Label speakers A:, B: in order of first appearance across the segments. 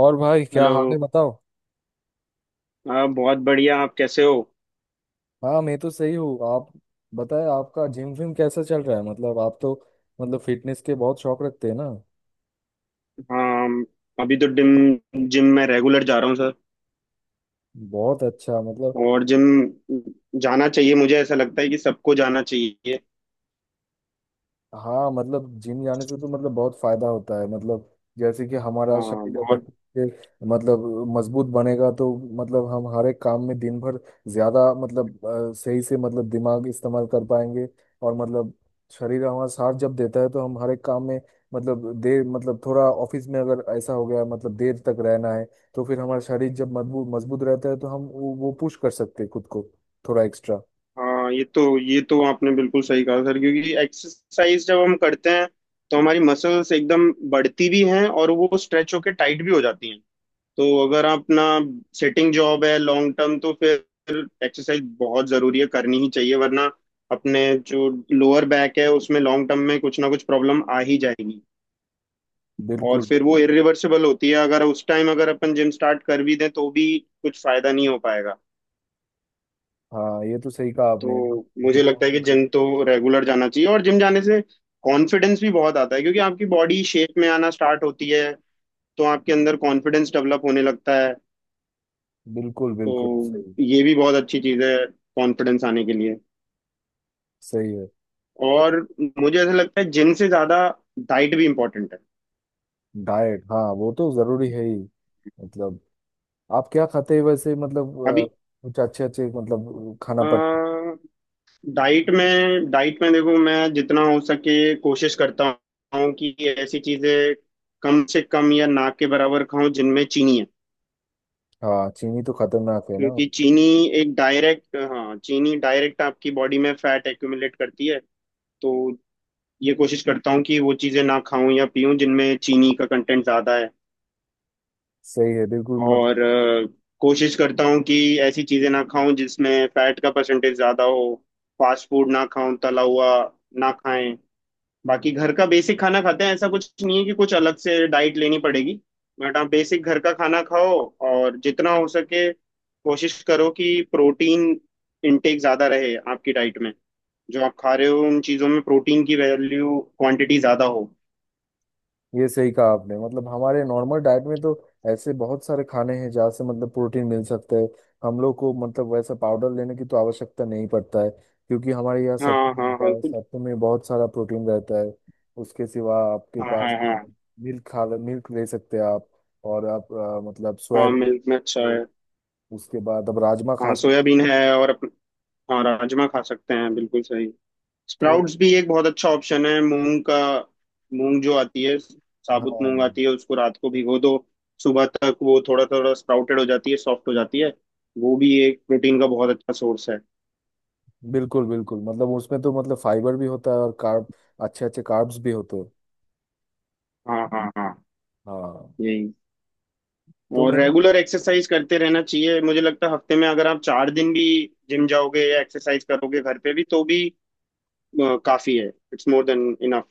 A: और भाई क्या
B: हेलो।
A: हाल है बताओ।
B: हाँ, बहुत बढ़िया, आप कैसे हो?
A: हाँ मैं तो सही हूँ। आप बताएं, आपका जिम विम कैसा चल रहा है? मतलब आप तो मतलब फिटनेस के बहुत शौक रखते हैं ना।
B: हाँ, अभी तो जिम जिम में रेगुलर जा रहा हूँ सर।
A: बहुत अच्छा। मतलब
B: और जिम जाना चाहिए, मुझे ऐसा लगता है कि सबको जाना चाहिए।
A: हाँ, मतलब जिम जाने से तो मतलब बहुत फायदा होता है। मतलब जैसे कि हमारा
B: हाँ
A: शरीर अगर
B: बहुत।
A: ठीक से मतलब मजबूत बनेगा तो मतलब हम हर एक काम में दिन भर ज्यादा मतलब सही से मतलब दिमाग इस्तेमाल कर पाएंगे। और मतलब शरीर हमारा साथ जब देता है तो हम हर एक काम में मतलब देर मतलब थोड़ा ऑफिस में अगर ऐसा हो गया मतलब देर तक रहना है, तो फिर हमारा शरीर जब मजबूत मजबूत रहता है तो हम वो पुश कर सकते हैं खुद को, थोड़ा एक्स्ट्रा।
B: हाँ, ये तो आपने बिल्कुल सही कहा सर, क्योंकि एक्सरसाइज जब हम करते हैं तो हमारी मसल्स एकदम बढ़ती भी हैं और वो स्ट्रेच होके टाइट भी हो जाती हैं। तो अगर अपना सिटिंग जॉब है लॉन्ग टर्म, तो फिर एक्सरसाइज बहुत जरूरी है, करनी ही चाहिए, वरना अपने जो लोअर बैक है उसमें लॉन्ग टर्म में कुछ ना कुछ प्रॉब्लम आ ही जाएगी। और
A: बिल्कुल।
B: फिर वो इरिवर्सिबल होती है, अगर उस टाइम अगर अपन जिम स्टार्ट कर भी दें तो भी कुछ फायदा नहीं हो पाएगा।
A: हाँ ये तो सही कहा आपने।
B: तो
A: हम
B: मुझे
A: जितना हो
B: लगता है कि
A: सके।
B: जिम तो रेगुलर जाना चाहिए, और जिम जाने से कॉन्फिडेंस भी बहुत आता है क्योंकि आपकी बॉडी शेप में आना स्टार्ट होती है, तो आपके अंदर कॉन्फिडेंस डेवलप होने लगता है।
A: बिल्कुल बिल्कुल
B: तो
A: सही।
B: ये भी बहुत अच्छी चीज है, कॉन्फिडेंस आने के लिए।
A: सही है। तो
B: और मुझे ऐसा लगता है जिम से ज्यादा डाइट भी इम्पोर्टेंट है।
A: डाइट हाँ वो तो जरूरी है ही। मतलब आप क्या खाते हैं वैसे? मतलब
B: अभी
A: कुछ अच्छे अच्छे मतलब खाना पट।
B: डाइट में देखो, मैं जितना हो सके कोशिश करता हूँ कि ऐसी चीजें कम से कम या ना के बराबर खाऊं जिनमें चीनी है।
A: हाँ चीनी तो खतरनाक है ना।
B: क्योंकि चीनी एक डायरेक्ट, हाँ, चीनी डायरेक्ट आपकी बॉडी में फैट एक्यूमुलेट करती है। तो ये कोशिश करता हूँ कि वो चीजें ना खाऊं या पीऊं जिनमें चीनी का कंटेंट ज्यादा है।
A: सही है बिल्कुल। मतलब
B: और कोशिश करता हूँ कि ऐसी चीजें ना खाऊं जिसमें फैट का परसेंटेज ज्यादा हो, फास्ट फूड ना खाऊं, तला हुआ ना खाएं। बाकी घर का बेसिक खाना खाते हैं, ऐसा कुछ नहीं है कि कुछ अलग से डाइट लेनी पड़ेगी। बट आप बेसिक घर का खाना खाओ, और जितना हो सके कोशिश करो कि प्रोटीन इनटेक ज्यादा रहे आपकी डाइट में, जो आप खा रहे हो उन चीजों में प्रोटीन की वैल्यू क्वांटिटी ज्यादा हो।
A: ये सही कहा आपने। मतलब हमारे नॉर्मल डाइट में तो ऐसे बहुत सारे खाने हैं जहाँ से मतलब प्रोटीन मिल सकता है। हम लोग को मतलब वैसा पाउडर लेने की तो आवश्यकता नहीं पड़ता है क्योंकि हमारे यहाँ
B: हाँ,
A: सत्तू
B: हाँ,
A: मिलता
B: हाँ,
A: है, सत्तू में बहुत सारा प्रोटीन रहता है। उसके सिवा आपके
B: हाँ,
A: पास
B: हाँ, हाँ।
A: मिल्क ले सकते हैं आप। और आप मतलब
B: हाँ,
A: सोयाबीन।
B: मिल्क में अच्छा है।
A: उसके बाद आप राजमा खा
B: हाँ,
A: सकते
B: सोयाबीन है, और हाँ, राजमा खा सकते हैं, बिल्कुल सही।
A: हो, तो।
B: स्प्राउट्स भी एक बहुत अच्छा ऑप्शन है, मूंग का। मूंग जो आती है,
A: हाँ
B: साबुत मूंग आती है, उसको रात को भिगो दो, सुबह तक वो थोड़ा थोड़ा स्प्राउटेड हो जाती है, सॉफ्ट हो जाती है। वो भी एक प्रोटीन का बहुत अच्छा सोर्स है।
A: बिल्कुल बिल्कुल। मतलब उसमें तो मतलब फाइबर भी होता है और कार्ब, अच्छे अच्छे कार्ब्स भी होते हैं।
B: हाँ, हाँ, हाँ।
A: हाँ।
B: यही,
A: तो
B: और
A: मैंने,
B: रेगुलर एक्सरसाइज करते रहना चाहिए। मुझे लगता है हफ्ते में अगर आप 4 दिन भी जिम जाओगे या एक्सरसाइज करोगे घर पे भी, तो भी काफी है। It's more than enough.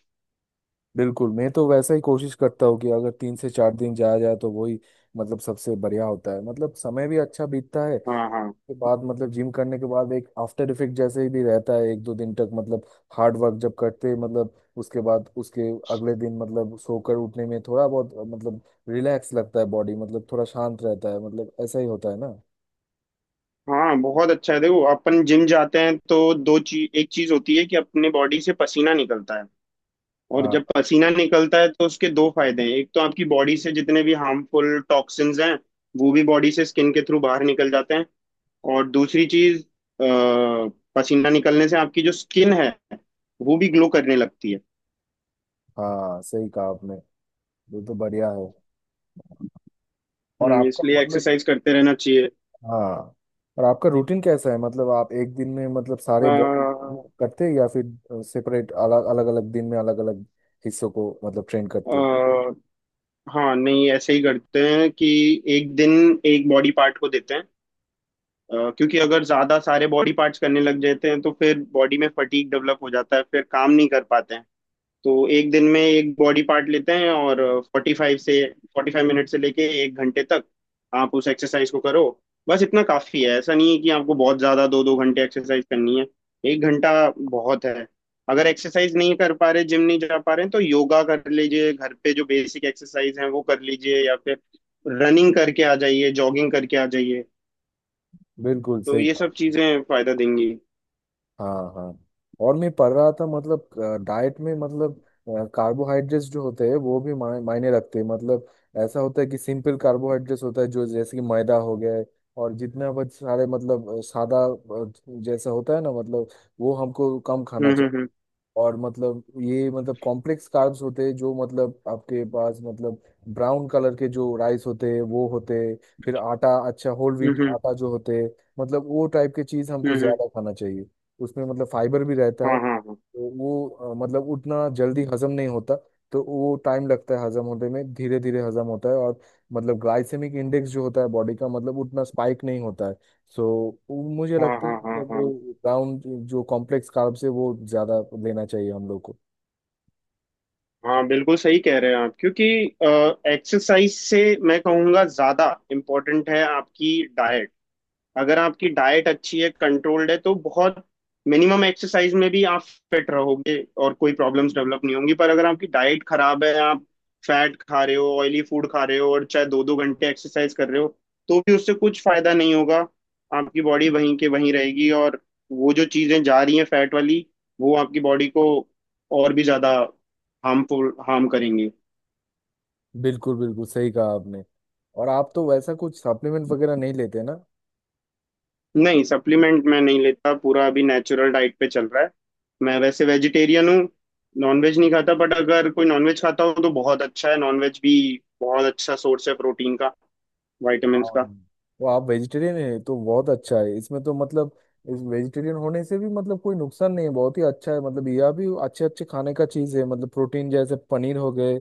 A: बिल्कुल, मैं तो वैसा ही कोशिश करता हूँ कि अगर तीन से चार दिन जाया जाए तो वही मतलब सबसे बढ़िया होता है। मतलब समय भी अच्छा बीतता है
B: हाँ, हाँ,
A: के बाद मतलब जिम करने के बाद एक आफ्टर इफेक्ट जैसे ही भी रहता है एक दो दिन तक। मतलब हार्ड वर्क जब करते हैं, मतलब उसके बाद उसके अगले दिन मतलब सोकर उठने में थोड़ा बहुत मतलब रिलैक्स लगता है, बॉडी मतलब थोड़ा शांत रहता है, मतलब ऐसा ही होता है ना।
B: हाँ, बहुत अच्छा है। देखो, अपन जिम जाते हैं तो दो चीज, एक चीज होती है कि अपने बॉडी से पसीना निकलता है, और
A: हाँ
B: जब पसीना निकलता है तो उसके दो फायदे हैं। एक तो आपकी बॉडी से जितने भी हार्मफुल टॉक्सिन्स हैं, वो भी बॉडी से स्किन के थ्रू बाहर निकल जाते हैं। और दूसरी चीज, अ, पसीना निकलने से आपकी जो स्किन है वो भी ग्लो करने लगती है।
A: हाँ सही कहा आपने। ये तो बढ़िया है। और आपका
B: इसलिए
A: मतलब,
B: एक्सरसाइज करते रहना चाहिए।
A: हाँ, और आपका रूटीन कैसा है? मतलब आप एक दिन में मतलब सारे बॉडी
B: आ,
A: करते हैं या फिर सेपरेट अलग अलग अलग दिन में अलग अलग हिस्सों को मतलब ट्रेन करते हैं।
B: हाँ, नहीं, ऐसे ही करते हैं कि एक दिन एक बॉडी पार्ट को देते हैं। क्योंकि अगर ज्यादा सारे बॉडी पार्ट्स करने लग जाते हैं तो फिर बॉडी में फटीग डेवलप हो जाता है, फिर काम नहीं कर पाते हैं। तो एक दिन में एक बॉडी पार्ट लेते हैं, और फोर्टी फाइव से 45 मिनट से लेके एक घंटे तक आप उस एक्सरसाइज को करो। बस इतना काफी है, ऐसा नहीं है कि आपको बहुत ज्यादा 2-2 घंटे एक्सरसाइज करनी है। एक घंटा बहुत है। अगर एक्सरसाइज नहीं कर पा रहे, जिम नहीं जा पा रहे हैं, तो योगा कर लीजिए, घर पे जो बेसिक एक्सरसाइज है वो कर लीजिए, या फिर रनिंग करके आ जाइए, जॉगिंग करके आ जाइए।
A: बिल्कुल
B: तो
A: सही
B: ये सब
A: कहा।
B: चीजें फायदा देंगी।
A: हाँ हाँ। और मैं पढ़ रहा था, मतलब डाइट में मतलब कार्बोहाइड्रेट्स जो होते हैं वो भी मायने रखते हैं। मतलब ऐसा होता है कि सिंपल कार्बोहाइड्रेट्स होता है जो जैसे कि मैदा हो गया है। और जितना बहुत सारे मतलब सादा जैसा होता है ना, मतलब वो हमको कम खाना।
B: हम्म, हम्म,
A: और मतलब ये मतलब कॉम्प्लेक्स कार्ब्स होते हैं जो मतलब आपके पास मतलब ब्राउन कलर के जो राइस होते हैं वो होते हैं, फिर आटा, अच्छा होल
B: हम्म,
A: व्हीट
B: हम्म,
A: आटा जो होते हैं, मतलब वो टाइप के चीज़
B: हम्म,
A: हमको ज़्यादा खाना चाहिए। उसमें मतलब फाइबर भी रहता है
B: हाँ, हाँ, हाँ,
A: तो वो मतलब उतना जल्दी हजम नहीं होता, तो वो टाइम लगता है हजम होने में, धीरे धीरे हजम होता है। और मतलब ग्लाइसेमिक इंडेक्स जो होता है बॉडी का मतलब उतना स्पाइक नहीं होता है। सो वो मुझे
B: हाँ,
A: लगता है
B: हाँ, हाँ,
A: मतलब
B: हाँ,
A: वो राउंड जो कॉम्प्लेक्स कार्ब्स है वो ज्यादा लेना चाहिए हम लोग को।
B: हाँ, बिल्कुल सही कह रहे हैं आप, क्योंकि एक्सरसाइज से मैं कहूँगा ज्यादा इम्पोर्टेंट है आपकी डाइट। अगर आपकी डाइट अच्छी है, कंट्रोल्ड है, तो बहुत मिनिमम एक्सरसाइज में भी आप फिट रहोगे और कोई प्रॉब्लम्स डेवलप नहीं होंगी। पर अगर आपकी डाइट खराब है, आप फैट खा रहे हो, ऑयली फूड खा रहे हो, और चाहे 2-2 घंटे एक्सरसाइज कर रहे हो, तो भी उससे कुछ फायदा नहीं होगा। आपकी बॉडी वहीं के वहीं रहेगी, और वो जो चीजें जा रही हैं फैट वाली, वो आपकी बॉडी को और भी ज्यादा हार्मफुल हार्म करेंगी।
A: बिल्कुल बिल्कुल सही कहा आपने। और आप तो वैसा कुछ सप्लीमेंट वगैरह नहीं लेते ना।
B: नहीं, सप्लीमेंट मैं नहीं लेता, पूरा अभी नेचुरल डाइट पे चल रहा है। मैं वैसे वेजिटेरियन हूँ, नॉनवेज नहीं खाता। बट अगर कोई नॉनवेज खाता हो तो बहुत अच्छा है, नॉनवेज भी बहुत अच्छा सोर्स है प्रोटीन का,
A: हाँ
B: विटामिन्स का।
A: वो आप वेजिटेरियन है तो बहुत अच्छा है। इसमें तो मतलब इस वेजिटेरियन होने से भी मतलब कोई नुकसान नहीं है, बहुत ही अच्छा है। मतलब यह भी अच्छे अच्छे खाने का चीज है, मतलब प्रोटीन जैसे पनीर हो गए।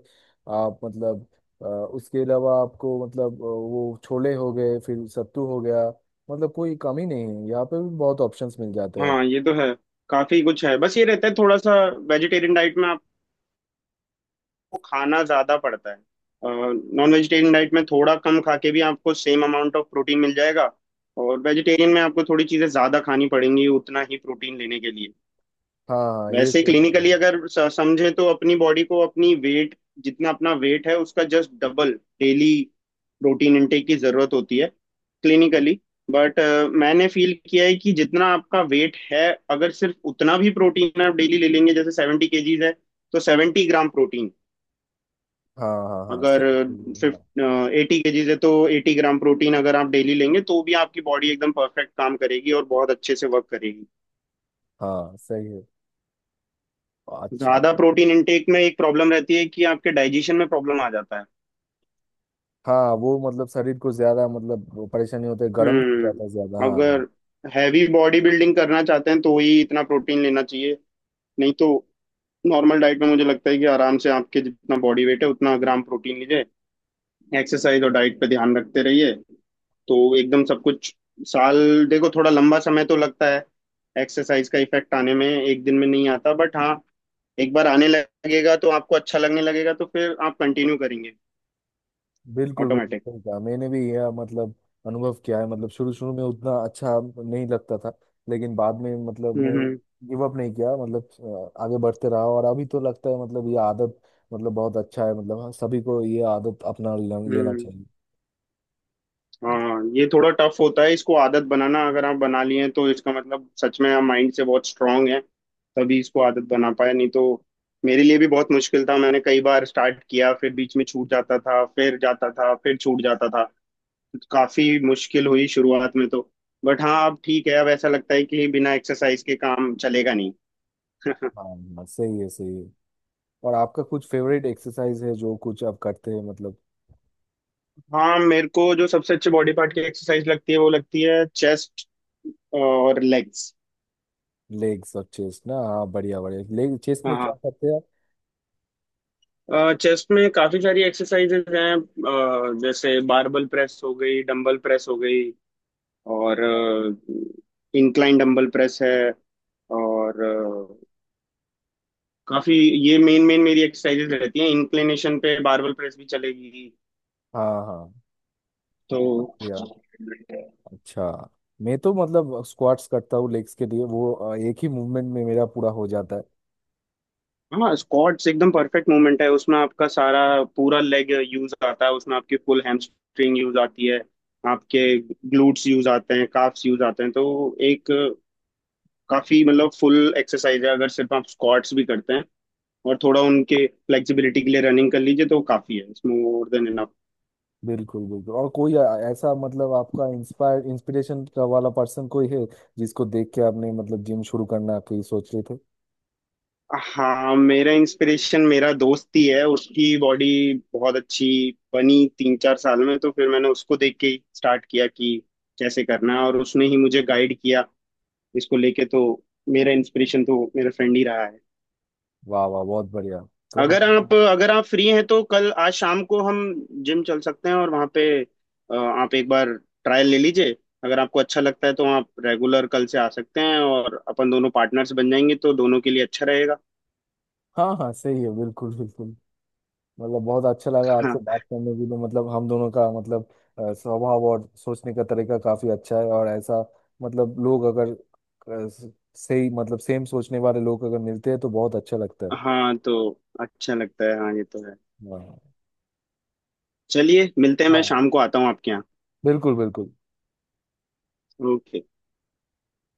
A: आप मतलब उसके अलावा आपको मतलब वो छोले हो गए, फिर सत्तू हो गया। मतलब कोई कमी नहीं है यहाँ पे भी, बहुत ऑप्शंस मिल जाते हैं आप।
B: हाँ ये तो है, काफी कुछ है। बस ये रहता है थोड़ा सा, वेजिटेरियन डाइट में आपको खाना ज्यादा पड़ता है। नॉन वेजिटेरियन डाइट में थोड़ा कम खा के भी आपको सेम अमाउंट ऑफ प्रोटीन मिल जाएगा, और वेजिटेरियन में आपको थोड़ी चीजें ज्यादा खानी पड़ेंगी उतना ही प्रोटीन लेने के लिए।
A: हाँ हाँ ये
B: वैसे
A: सही है।
B: क्लिनिकली अगर समझे तो अपनी बॉडी को, अपनी वेट, जितना अपना वेट है उसका just double daily protein intake की जरूरत होती है, क्लिनिकली। बट मैंने फील किया है कि जितना आपका वेट है अगर सिर्फ उतना भी प्रोटीन आप डेली ले लेंगे, जैसे 70 kg है तो 70 ग्राम प्रोटीन,
A: हाँ हाँ हाँ
B: अगर
A: सही सही है हाँ।
B: फिफ्ट 80 kg है तो 80 ग्राम प्रोटीन अगर आप डेली लेंगे, तो भी आपकी बॉडी एकदम परफेक्ट काम करेगी और बहुत अच्छे से वर्क करेगी।
A: हाँ सही है। अच्छा।
B: ज्यादा प्रोटीन इंटेक में एक प्रॉब्लम रहती है कि आपके डाइजेशन में प्रॉब्लम आ जाता है।
A: हाँ वो मतलब शरीर को ज्यादा मतलब परेशानी होता है, गर्म भी हो जाता है ज्यादा, हाँ।
B: अगर हैवी बॉडी बिल्डिंग करना चाहते हैं तो ही इतना प्रोटीन लेना चाहिए, नहीं तो नॉर्मल डाइट में मुझे लगता है कि आराम से आपके जितना बॉडी वेट है उतना ग्राम प्रोटीन लीजिए। एक्सरसाइज और डाइट पे ध्यान रखते रहिए तो एकदम सब कुछ। साल, देखो थोड़ा लंबा समय तो लगता है, एक्सरसाइज का इफेक्ट आने में, एक दिन में नहीं आता। बट हाँ, एक बार आने लगेगा तो आपको अच्छा लगने लगेगा तो फिर आप कंटिन्यू करेंगे
A: बिल्कुल बिल्कुल
B: ऑटोमेटिक।
A: सही कहा। मैंने भी यह मतलब अनुभव किया है। मतलब शुरू शुरू में उतना अच्छा नहीं लगता था, लेकिन बाद में मतलब मैं
B: हम्म,
A: गिव अप नहीं किया, मतलब आगे बढ़ते रहा। और अभी तो लगता है मतलब ये आदत मतलब बहुत अच्छा है। मतलब हाँ, सभी को ये आदत अपना लेना
B: हम्म।
A: चाहिए।
B: हाँ, ये थोड़ा टफ होता है इसको आदत बनाना। अगर आप बना लिए हैं तो इसका मतलब सच में आप माइंड से बहुत स्ट्रांग हैं, तभी इसको आदत बना पाया। नहीं तो मेरे लिए भी बहुत मुश्किल था, मैंने कई बार स्टार्ट किया, फिर बीच में छूट जाता था, फिर जाता था, फिर छूट जाता था। काफी मुश्किल हुई शुरुआत में तो। बट हाँ, अब ठीक है, अब ऐसा लगता है कि बिना एक्सरसाइज के काम चलेगा नहीं।
A: हाँ हाँ, सही है सही है। और आपका कुछ फेवरेट एक्सरसाइज है जो कुछ आप करते हैं मतलब?
B: हाँ, मेरे को जो सबसे अच्छी बॉडी पार्ट की एक्सरसाइज लगती है वो लगती है चेस्ट और लेग्स।
A: लेग्स और चेस्ट ना, हाँ। बढ़िया बढ़िया। लेग चेस्ट में क्या करते हैं
B: चेस्ट में काफी सारी एक्सरसाइजेज हैं, जैसे बारबल प्रेस हो गई, डंबल प्रेस हो गई, और
A: आप?
B: इंक्लाइन डंबल प्रेस है। और काफी, ये मेन मेन मेरी एक्सरसाइजेज रहती हैं। इंक्लिनेशन पे बारबल प्रेस भी चलेगी
A: हाँ हाँ
B: तो।
A: बहुत बढ़िया। अच्छा। मैं तो मतलब स्क्वाट्स करता हूँ लेग्स के लिए, वो एक ही मूवमेंट में मेरा पूरा हो जाता है।
B: हाँ, स्क्वाट्स एकदम परफेक्ट मूवमेंट है, उसमें आपका सारा पूरा लेग यूज आता है, उसमें आपकी फुल हैमस्ट्रिंग यूज आती है, आपके ग्लूट्स यूज आते हैं, काफ्स यूज आते हैं। तो एक काफी मतलब फुल एक्सरसाइज है अगर सिर्फ आप स्क्वाट्स भी करते हैं, और थोड़ा उनके फ्लेक्सिबिलिटी के लिए रनिंग कर लीजिए तो काफी है, इट्स मोर देन इनफ।
A: बिल्कुल बिल्कुल। और कोई ऐसा मतलब आपका इंस्पायर इंस्पिरेशन का वाला पर्सन कोई है जिसको देख के आपने मतलब जिम शुरू करना कहीं सोच रहे थे?
B: हाँ, मेरा इंस्पिरेशन मेरा दोस्त ही है, उसकी बॉडी बहुत अच्छी बनी 3-4 साल में, तो फिर मैंने उसको देख के ही स्टार्ट किया कि कैसे करना है, और उसने ही मुझे गाइड किया इसको लेके। तो मेरा इंस्पिरेशन तो मेरा फ्रेंड ही रहा है।
A: वाह वाह बहुत बढ़िया। तो हम
B: अगर आप फ्री हैं तो कल आज शाम को हम जिम चल सकते हैं, और वहाँ पे आप एक बार ट्रायल ले लीजिए। अगर आपको अच्छा लगता है तो आप रेगुलर कल से आ सकते हैं, और अपन दोनों पार्टनर्स बन जाएंगे, तो दोनों के लिए अच्छा रहेगा।
A: हाँ हाँ सही है बिल्कुल बिल्कुल। मतलब बहुत अच्छा लगा
B: हाँ,
A: आपसे बात करने के लिए। तो मतलब हम दोनों का मतलब स्वभाव और सोचने का तरीका काफी अच्छा है। और ऐसा मतलब लोग अगर अ, स- सही मतलब सेम सोचने वाले लोग अगर मिलते हैं तो बहुत अच्छा लगता है।
B: हाँ, तो अच्छा लगता है, हाँ ये तो है।
A: हाँ
B: चलिए, मिलते हैं, मैं
A: हाँ
B: शाम को आता हूँ आपके यहाँ।
A: बिल्कुल बिल्कुल।
B: ओके।